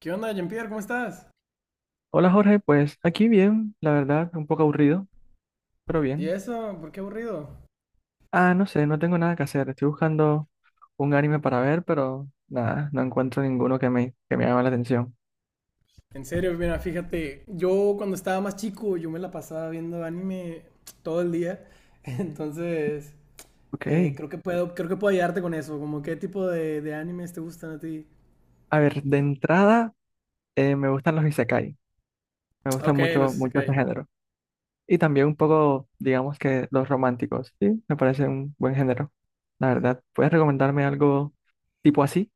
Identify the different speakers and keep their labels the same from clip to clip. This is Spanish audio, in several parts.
Speaker 1: ¿Qué onda, Jean-Pierre? ¿Cómo estás?
Speaker 2: Hola Jorge, pues aquí bien, la verdad, un poco aburrido, pero
Speaker 1: ¿Y
Speaker 2: bien.
Speaker 1: eso? ¿Por qué aburrido?
Speaker 2: Ah, no sé, no tengo nada que hacer. Estoy buscando un anime para ver, pero nada, no encuentro ninguno que me llame la atención.
Speaker 1: En serio, mira, fíjate, yo cuando estaba más chico, yo me la pasaba viendo anime todo el día, entonces
Speaker 2: Ok.
Speaker 1: creo que puedo ayudarte con eso, como qué tipo de animes te gustan a ti.
Speaker 2: A ver, de entrada, me gustan los isekai. Me gustan
Speaker 1: Ok,
Speaker 2: mucho,
Speaker 1: los
Speaker 2: mucho ese
Speaker 1: isekai.
Speaker 2: género. Y también un poco, digamos que los románticos, sí, me parece un buen género. La verdad, ¿puedes recomendarme algo tipo así?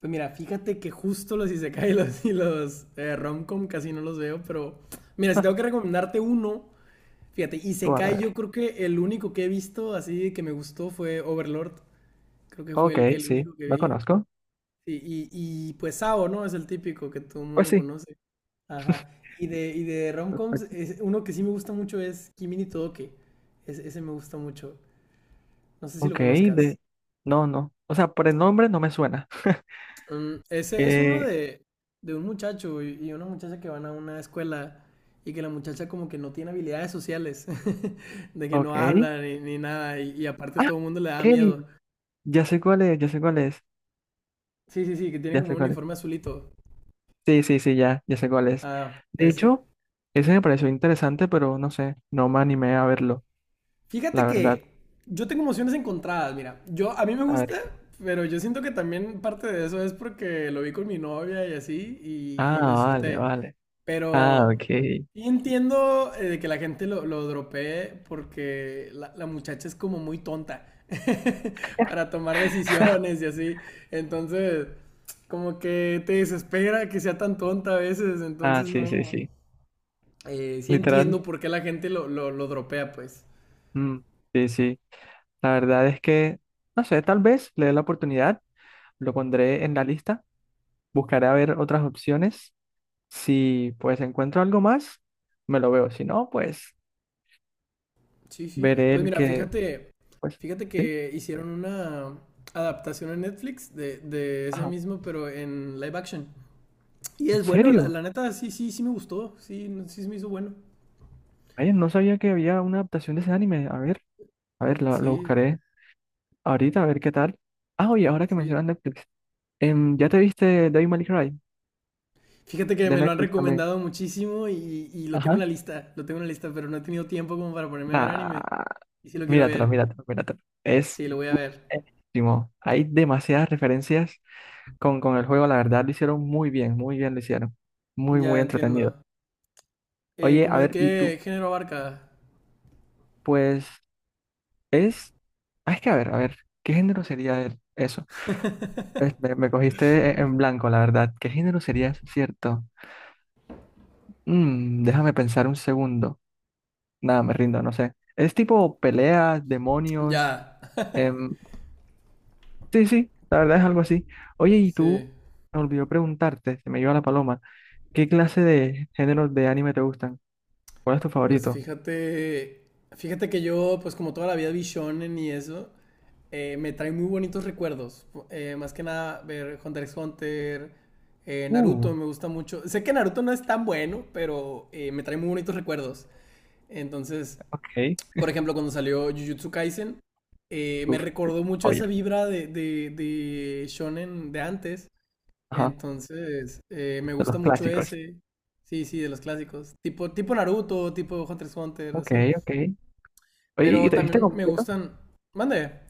Speaker 1: Pues mira, fíjate que justo los isekai y los romcom casi no los veo, pero mira, si tengo que recomendarte uno, fíjate,
Speaker 2: ¿Cuál? A
Speaker 1: isekai yo
Speaker 2: ver.
Speaker 1: creo que el único que he visto así que me gustó fue Overlord. Creo que fue
Speaker 2: Ok,
Speaker 1: el
Speaker 2: sí,
Speaker 1: único que
Speaker 2: lo
Speaker 1: vi.
Speaker 2: conozco.
Speaker 1: Sí, y pues Sao, ¿no? Es el típico que todo el
Speaker 2: Pues
Speaker 1: mundo
Speaker 2: sí.
Speaker 1: conoce. Ajá. Y de romcoms, uno que sí me gusta mucho es Kimi ni Todoke. Ese me gusta mucho. No sé si lo
Speaker 2: Ok.
Speaker 1: conozcas.
Speaker 2: No, no. O sea, por el nombre no me suena.
Speaker 1: Mm, ese es uno
Speaker 2: Eh,
Speaker 1: de un muchacho y una muchacha que van a una escuela y que la muchacha como que no tiene habilidades sociales, de que no
Speaker 2: ok.
Speaker 1: habla ni nada y, y aparte
Speaker 2: Ah,
Speaker 1: todo el mundo le da
Speaker 2: ok.
Speaker 1: miedo.
Speaker 2: Ya sé cuál es, ya sé cuál es.
Speaker 1: Sí, sí, sí, que tiene
Speaker 2: Ya
Speaker 1: como
Speaker 2: sé
Speaker 1: un
Speaker 2: cuál es.
Speaker 1: uniforme azulito.
Speaker 2: Sí, sí, sí, ya sé cuál es.
Speaker 1: Ah,
Speaker 2: De
Speaker 1: ese.
Speaker 2: hecho, ese me pareció interesante, pero no sé, no me animé a verlo, la
Speaker 1: Fíjate
Speaker 2: verdad.
Speaker 1: que yo tengo emociones encontradas, mira. Yo, a mí me
Speaker 2: A ver.
Speaker 1: gusta, pero yo siento que también parte de eso es porque lo vi con mi novia y así,
Speaker 2: Ah,
Speaker 1: y lo
Speaker 2: vale,
Speaker 1: disfruté.
Speaker 2: vale. Ah,
Speaker 1: Pero
Speaker 2: ok.
Speaker 1: sí entiendo de que la gente lo dropee porque la muchacha es como muy tonta para tomar decisiones y así. Entonces, como que te desespera que sea tan tonta a veces.
Speaker 2: Ah,
Speaker 1: Entonces,
Speaker 2: sí, sí,
Speaker 1: no.
Speaker 2: sí.
Speaker 1: Sí
Speaker 2: Literal.
Speaker 1: entiendo por qué la gente lo, lo dropea, pues.
Speaker 2: Mm, sí, sí. La verdad es que, no sé, tal vez le dé la oportunidad, lo pondré en la lista, buscaré a ver otras opciones. Si pues encuentro algo más, me lo veo. Si no, pues
Speaker 1: Sí, sí.
Speaker 2: veré
Speaker 1: Pues
Speaker 2: el
Speaker 1: mira,
Speaker 2: que,
Speaker 1: fíjate,
Speaker 2: pues,
Speaker 1: fíjate
Speaker 2: sí.
Speaker 1: que hicieron una adaptación en Netflix de ese
Speaker 2: Ajá.
Speaker 1: mismo, pero en live action. Y
Speaker 2: ¿En
Speaker 1: es bueno, la,
Speaker 2: serio?
Speaker 1: la neta, sí, sí, sí me gustó. Sí, sí se me hizo bueno.
Speaker 2: Ay, no sabía que había una adaptación de ese anime. A ver, lo
Speaker 1: Sí,
Speaker 2: buscaré ahorita, a ver qué tal. Ah, oye, ahora que
Speaker 1: sí.
Speaker 2: mencionas Netflix. ¿Ya te viste Devil May Cry?
Speaker 1: Fíjate que
Speaker 2: De
Speaker 1: me lo han
Speaker 2: Netflix también.
Speaker 1: recomendado muchísimo y lo tengo en
Speaker 2: Ajá.
Speaker 1: la lista. Lo tengo en la lista, pero no he tenido tiempo como para ponerme a ver anime.
Speaker 2: Nah,
Speaker 1: Y sí lo quiero
Speaker 2: míratelo,
Speaker 1: ver.
Speaker 2: míratelo, míratelo. Es
Speaker 1: Sí, lo voy a ver.
Speaker 2: buenísimo. Hay demasiadas referencias con el juego, la verdad, lo hicieron muy bien lo hicieron. Muy,
Speaker 1: Ya
Speaker 2: muy
Speaker 1: entiendo.
Speaker 2: entretenido. Oye, a
Speaker 1: ¿Cómo de
Speaker 2: ver, ¿y tú?
Speaker 1: qué género abarca?
Speaker 2: Pues es, es que a ver, ¿qué género sería eso? Me cogiste en blanco, la verdad. ¿Qué género sería eso, cierto? Déjame pensar un segundo. Nada, me rindo, no sé. Es tipo peleas, demonios.
Speaker 1: Ya.
Speaker 2: em, sí, sí, la verdad es algo así. Oye, y tú,
Speaker 1: Sí.
Speaker 2: me olvidó preguntarte, se me iba la paloma, ¿qué clase de géneros de anime te gustan? ¿Cuál es tu
Speaker 1: Pues
Speaker 2: favorito?
Speaker 1: fíjate, fíjate que yo, pues como toda la vida vi shonen y eso, me trae muy bonitos recuerdos. Más que nada ver Hunter x Hunter, Naruto
Speaker 2: Uh,
Speaker 1: me gusta mucho. Sé que Naruto no es tan bueno, pero me trae muy bonitos recuerdos. Entonces,
Speaker 2: ok.
Speaker 1: por ejemplo, cuando salió Jujutsu Kaisen, me
Speaker 2: Uf,
Speaker 1: recordó mucho
Speaker 2: oye,
Speaker 1: esa vibra de, de shonen de antes.
Speaker 2: ajá,
Speaker 1: Entonces, me
Speaker 2: de
Speaker 1: gusta
Speaker 2: los
Speaker 1: mucho
Speaker 2: clásicos.
Speaker 1: ese. Sí, sí, de los clásicos. Tipo, tipo Naruto, tipo Hunter x Hunter,
Speaker 2: Ok,
Speaker 1: así.
Speaker 2: ok. Oye, ¿y
Speaker 1: Pero
Speaker 2: te viste
Speaker 1: también me
Speaker 2: completo?
Speaker 1: gustan. Mande.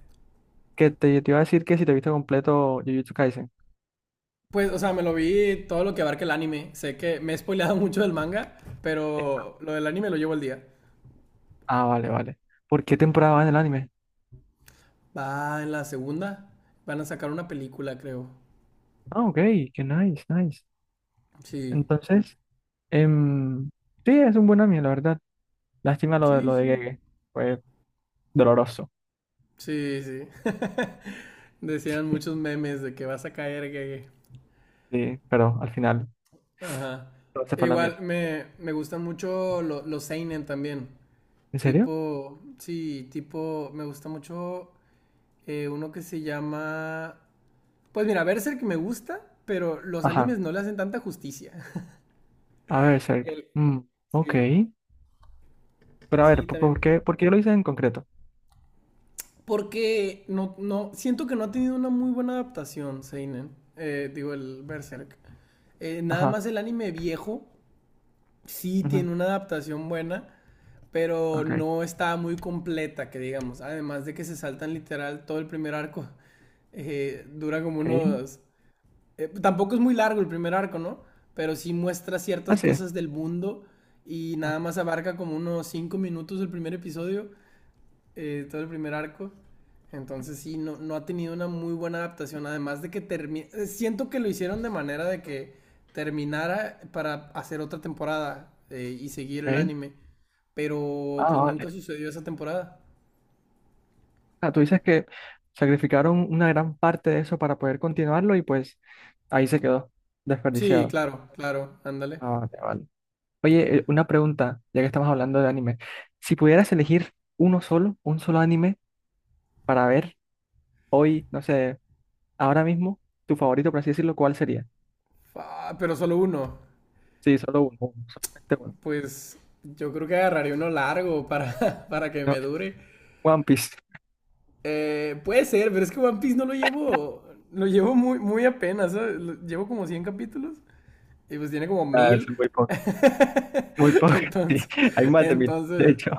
Speaker 2: Que te iba a decir que si te viste completo Jujutsu Kaisen.
Speaker 1: Pues, o sea, me lo vi todo lo que abarca el anime. Sé que me he spoileado mucho del manga, pero lo del anime lo llevo al día.
Speaker 2: Ah, vale, vale. ¿Por qué temporada va en el anime?
Speaker 1: Va en la segunda. Van a sacar una película, creo.
Speaker 2: Ah, ok, qué nice, nice.
Speaker 1: Sí.
Speaker 2: Entonces, em, sí, es un buen anime, la verdad. Lástima lo de,
Speaker 1: Sí,
Speaker 2: lo de
Speaker 1: sí.
Speaker 2: Gege. Fue doloroso.
Speaker 1: Sí, sí. Decían muchos memes de que vas a caer, que.
Speaker 2: Sí, pero al final
Speaker 1: Ajá.
Speaker 2: todo se fue a la mierda.
Speaker 1: Igual me, me gustan mucho los seinen también.
Speaker 2: ¿En serio?
Speaker 1: Tipo, sí, tipo, me gusta mucho uno que se llama. Pues mira, Berserk me gusta, pero los
Speaker 2: Ajá.
Speaker 1: animes no le hacen tanta justicia.
Speaker 2: A ver, Cerc.
Speaker 1: El-
Speaker 2: Mm, ok.
Speaker 1: sí,
Speaker 2: Pero a
Speaker 1: sí,
Speaker 2: ver,
Speaker 1: también.
Speaker 2: por qué lo hice en concreto?
Speaker 1: Porque no, no, siento que no ha tenido una muy buena adaptación, Seinen. Digo, el Berserk. Nada
Speaker 2: Ajá.
Speaker 1: más el anime viejo sí
Speaker 2: Ujú.
Speaker 1: tiene una adaptación buena, pero
Speaker 2: Ok.
Speaker 1: no está muy completa, que digamos. Además de que se saltan literal todo el primer arco. Dura como
Speaker 2: Ok.
Speaker 1: unos tampoco es muy largo el primer arco, ¿no? Pero sí muestra ciertas
Speaker 2: Así es.
Speaker 1: cosas del mundo y nada
Speaker 2: Ajá.
Speaker 1: más abarca como unos 5 minutos el primer episodio, todo el primer arco. Entonces sí, no, no ha tenido una muy buena adaptación, además de que termina... Siento que lo hicieron de manera de que terminara para hacer otra temporada y seguir el
Speaker 2: Ok.
Speaker 1: anime, pero
Speaker 2: Ah,
Speaker 1: pues
Speaker 2: vale.
Speaker 1: nunca sucedió esa temporada.
Speaker 2: Ah, tú dices que sacrificaron una gran parte de eso para poder continuarlo y pues ahí se quedó
Speaker 1: Sí,
Speaker 2: desperdiciado.
Speaker 1: claro, claro, ándale.
Speaker 2: Ah, vale, vale. Oye, una pregunta, ya que estamos hablando de anime. Si pudieras elegir uno solo, un solo anime para ver hoy, no sé, ahora mismo, tu favorito, por así decirlo, ¿cuál sería?
Speaker 1: Pero solo uno.
Speaker 2: Sí, solo uno, uno, solamente uno.
Speaker 1: Pues yo creo que agarraría uno largo para, para que
Speaker 2: No,
Speaker 1: me dure.
Speaker 2: One Piece.
Speaker 1: Puede ser, pero es que One Piece no lo llevo. Lo llevo muy, muy apenas, ¿sabes? Llevo como 100 capítulos y pues tiene como
Speaker 2: Ah, es
Speaker 1: mil.
Speaker 2: muy poco, sí.
Speaker 1: Entonces,
Speaker 2: Hay más de mil, de
Speaker 1: entonces,
Speaker 2: hecho.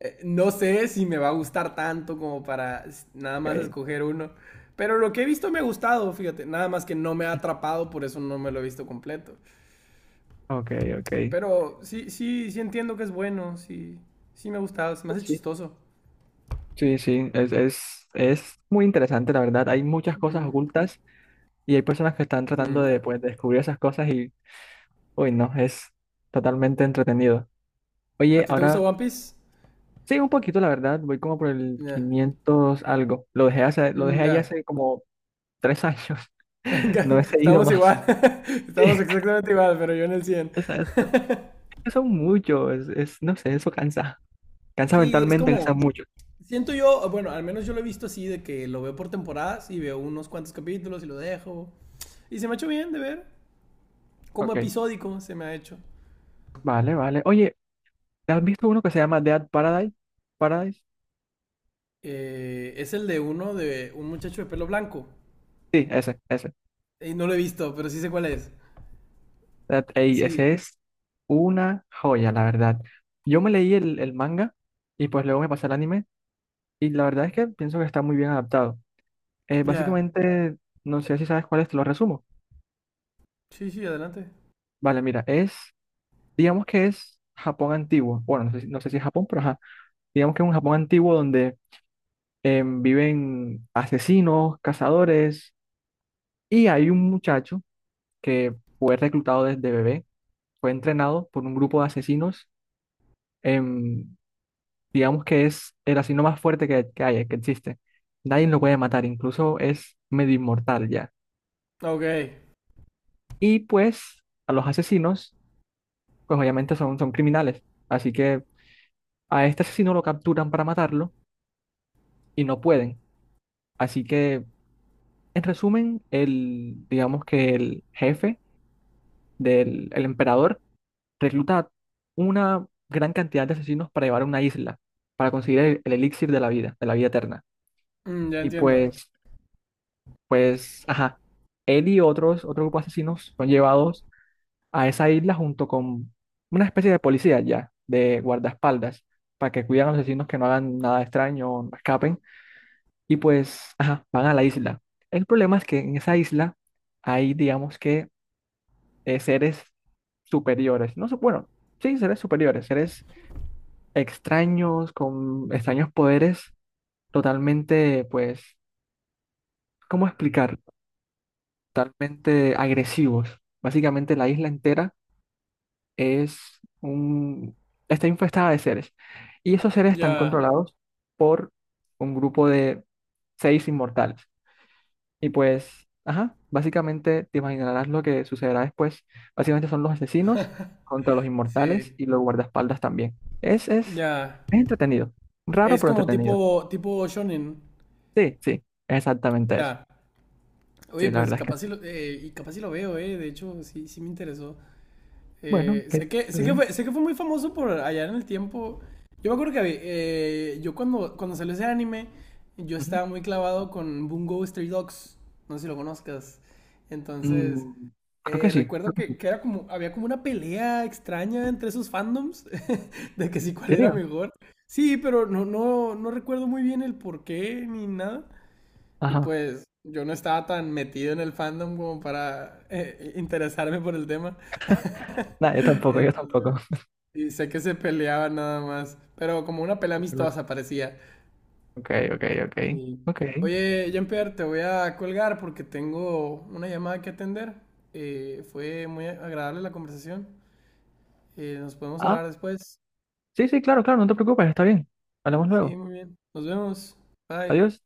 Speaker 1: no sé si me va a gustar tanto como para nada más
Speaker 2: Ok,
Speaker 1: escoger uno. Pero lo que he visto me ha gustado, fíjate. Nada más que no me ha atrapado, por eso no me lo he visto completo.
Speaker 2: ok, ok.
Speaker 1: Pero sí, sí, sí entiendo que es bueno, sí, sí me ha gustado, se me
Speaker 2: Pues
Speaker 1: hace
Speaker 2: sí.
Speaker 1: chistoso.
Speaker 2: Sí, sí, es muy interesante, la verdad. Hay muchas cosas ocultas y hay personas que están tratando
Speaker 1: Mm.
Speaker 2: de
Speaker 1: Ya.
Speaker 2: pues, descubrir esas cosas y, uy, no, es totalmente entretenido.
Speaker 1: ¿A
Speaker 2: Oye,
Speaker 1: ti te gusta
Speaker 2: ahora,
Speaker 1: One Piece?
Speaker 2: sí, un poquito, la verdad, voy como por el
Speaker 1: Ya.
Speaker 2: 500 algo. Lo dejé
Speaker 1: Mm,
Speaker 2: ahí
Speaker 1: ya.
Speaker 2: hace como 3 años,
Speaker 1: Venga,
Speaker 2: no he seguido
Speaker 1: estamos
Speaker 2: más.
Speaker 1: igual.
Speaker 2: Sí,
Speaker 1: Estamos exactamente igual, pero yo en el 100.
Speaker 2: exacto. Son muchos, no sé, eso cansa. Cansa
Speaker 1: Sí, es
Speaker 2: mentalmente, cansa
Speaker 1: como.
Speaker 2: mucho.
Speaker 1: Siento yo, bueno, al menos yo lo he visto así, de que lo veo por temporadas y veo unos cuantos capítulos y lo dejo. Y se me ha hecho bien de ver. Como
Speaker 2: Ok,
Speaker 1: episódico se me ha hecho.
Speaker 2: vale, vale. Oye, ¿te has visto uno que se llama Dead Paradise? ¿Paradise?
Speaker 1: Es el de uno de un muchacho de pelo blanco.
Speaker 2: Sí, ese, ese.
Speaker 1: Y no lo he visto, pero sí sé cuál es.
Speaker 2: Ey,
Speaker 1: Sí,
Speaker 2: ese es una joya, la verdad. Yo me leí el manga y pues luego me pasé al anime y la verdad es que pienso que está muy bien adaptado.
Speaker 1: ya.
Speaker 2: Básicamente, no sé si sabes cuál es, te lo resumo.
Speaker 1: Sí, sí, adelante.
Speaker 2: Vale, mira, digamos que es Japón antiguo. Bueno, no sé, no sé si es Japón, pero ajá. Digamos que es un Japón antiguo donde viven asesinos, cazadores y hay un muchacho que fue reclutado desde bebé, fue entrenado por un grupo de asesinos. em, digamos que es el asesino más fuerte que hay, que existe. Nadie lo puede matar, incluso es medio inmortal ya.
Speaker 1: Ok.
Speaker 2: Y pues a los asesinos, pues obviamente son criminales, así que a este asesino lo capturan para matarlo y no pueden. Así que, en resumen, digamos que el jefe del el emperador recluta una gran cantidad de asesinos para llevar a una isla, para conseguir el elixir de la vida eterna.
Speaker 1: Mm, ya
Speaker 2: Y
Speaker 1: entiendo.
Speaker 2: pues Pues, ajá, él y otro grupo de asesinos son llevados a esa isla junto con una especie de policía ya, de guardaespaldas, para que cuiden a los asesinos que no hagan nada extraño, o no escapen, y pues, ajá, van a la isla. El problema es que en esa isla hay, digamos que, seres superiores, no sé, bueno, sí, seres superiores, seres extraños, con extraños poderes, totalmente, pues, ¿cómo explicar? Totalmente agresivos. Básicamente la isla entera es un, está infestada de seres. Y esos seres están
Speaker 1: Ya.
Speaker 2: controlados por un grupo de 6 inmortales. Y pues, ajá, básicamente te imaginarás lo que sucederá después. Básicamente son los asesinos contra los inmortales
Speaker 1: Sí,
Speaker 2: y los guardaespaldas también. Es
Speaker 1: ya.
Speaker 2: entretenido. Raro,
Speaker 1: Es
Speaker 2: pero
Speaker 1: como
Speaker 2: entretenido.
Speaker 1: tipo, tipo shonen.
Speaker 2: Sí, sí, exactamente eso.
Speaker 1: Ya. Oye,
Speaker 2: Sí, la
Speaker 1: pues
Speaker 2: verdad es
Speaker 1: capaz
Speaker 2: que,
Speaker 1: sí lo, y capaz sí lo veo, eh. De hecho, sí, sí me interesó.
Speaker 2: bueno, que está bien.
Speaker 1: Sé que fue muy famoso por allá en el tiempo. Yo me acuerdo que yo cuando, cuando salió ese anime, yo
Speaker 2: Ujú.
Speaker 1: estaba muy clavado con Bungo Stray Dogs. No sé si lo conozcas. Entonces,
Speaker 2: Mm, Creo que sí.
Speaker 1: Recuerdo que era como, había como una pelea extraña entre esos fandoms de que si
Speaker 2: ¿En
Speaker 1: cuál era
Speaker 2: serio?
Speaker 1: mejor. Sí, pero no, no, no recuerdo muy bien el por qué ni nada. Y
Speaker 2: Ajá.
Speaker 1: pues yo no estaba tan metido en el fandom como para interesarme por el tema.
Speaker 2: No, yo tampoco, yo
Speaker 1: Entonces,
Speaker 2: tampoco.
Speaker 1: y sé que se peleaban nada más, pero como una pelea
Speaker 2: Sí, qué loco.
Speaker 1: amistosa parecía.
Speaker 2: Ok, ok, ok.
Speaker 1: Sí.
Speaker 2: Ok.
Speaker 1: Oye, Jean-Pierre, te voy a colgar porque tengo una llamada que atender. Fue muy agradable la conversación. Nos podemos
Speaker 2: Ah,
Speaker 1: hablar después.
Speaker 2: sí, sí, claro, claro, no te preocupes, está bien. Hablamos
Speaker 1: Sí,
Speaker 2: luego.
Speaker 1: muy bien. Nos vemos. Bye.
Speaker 2: Adiós.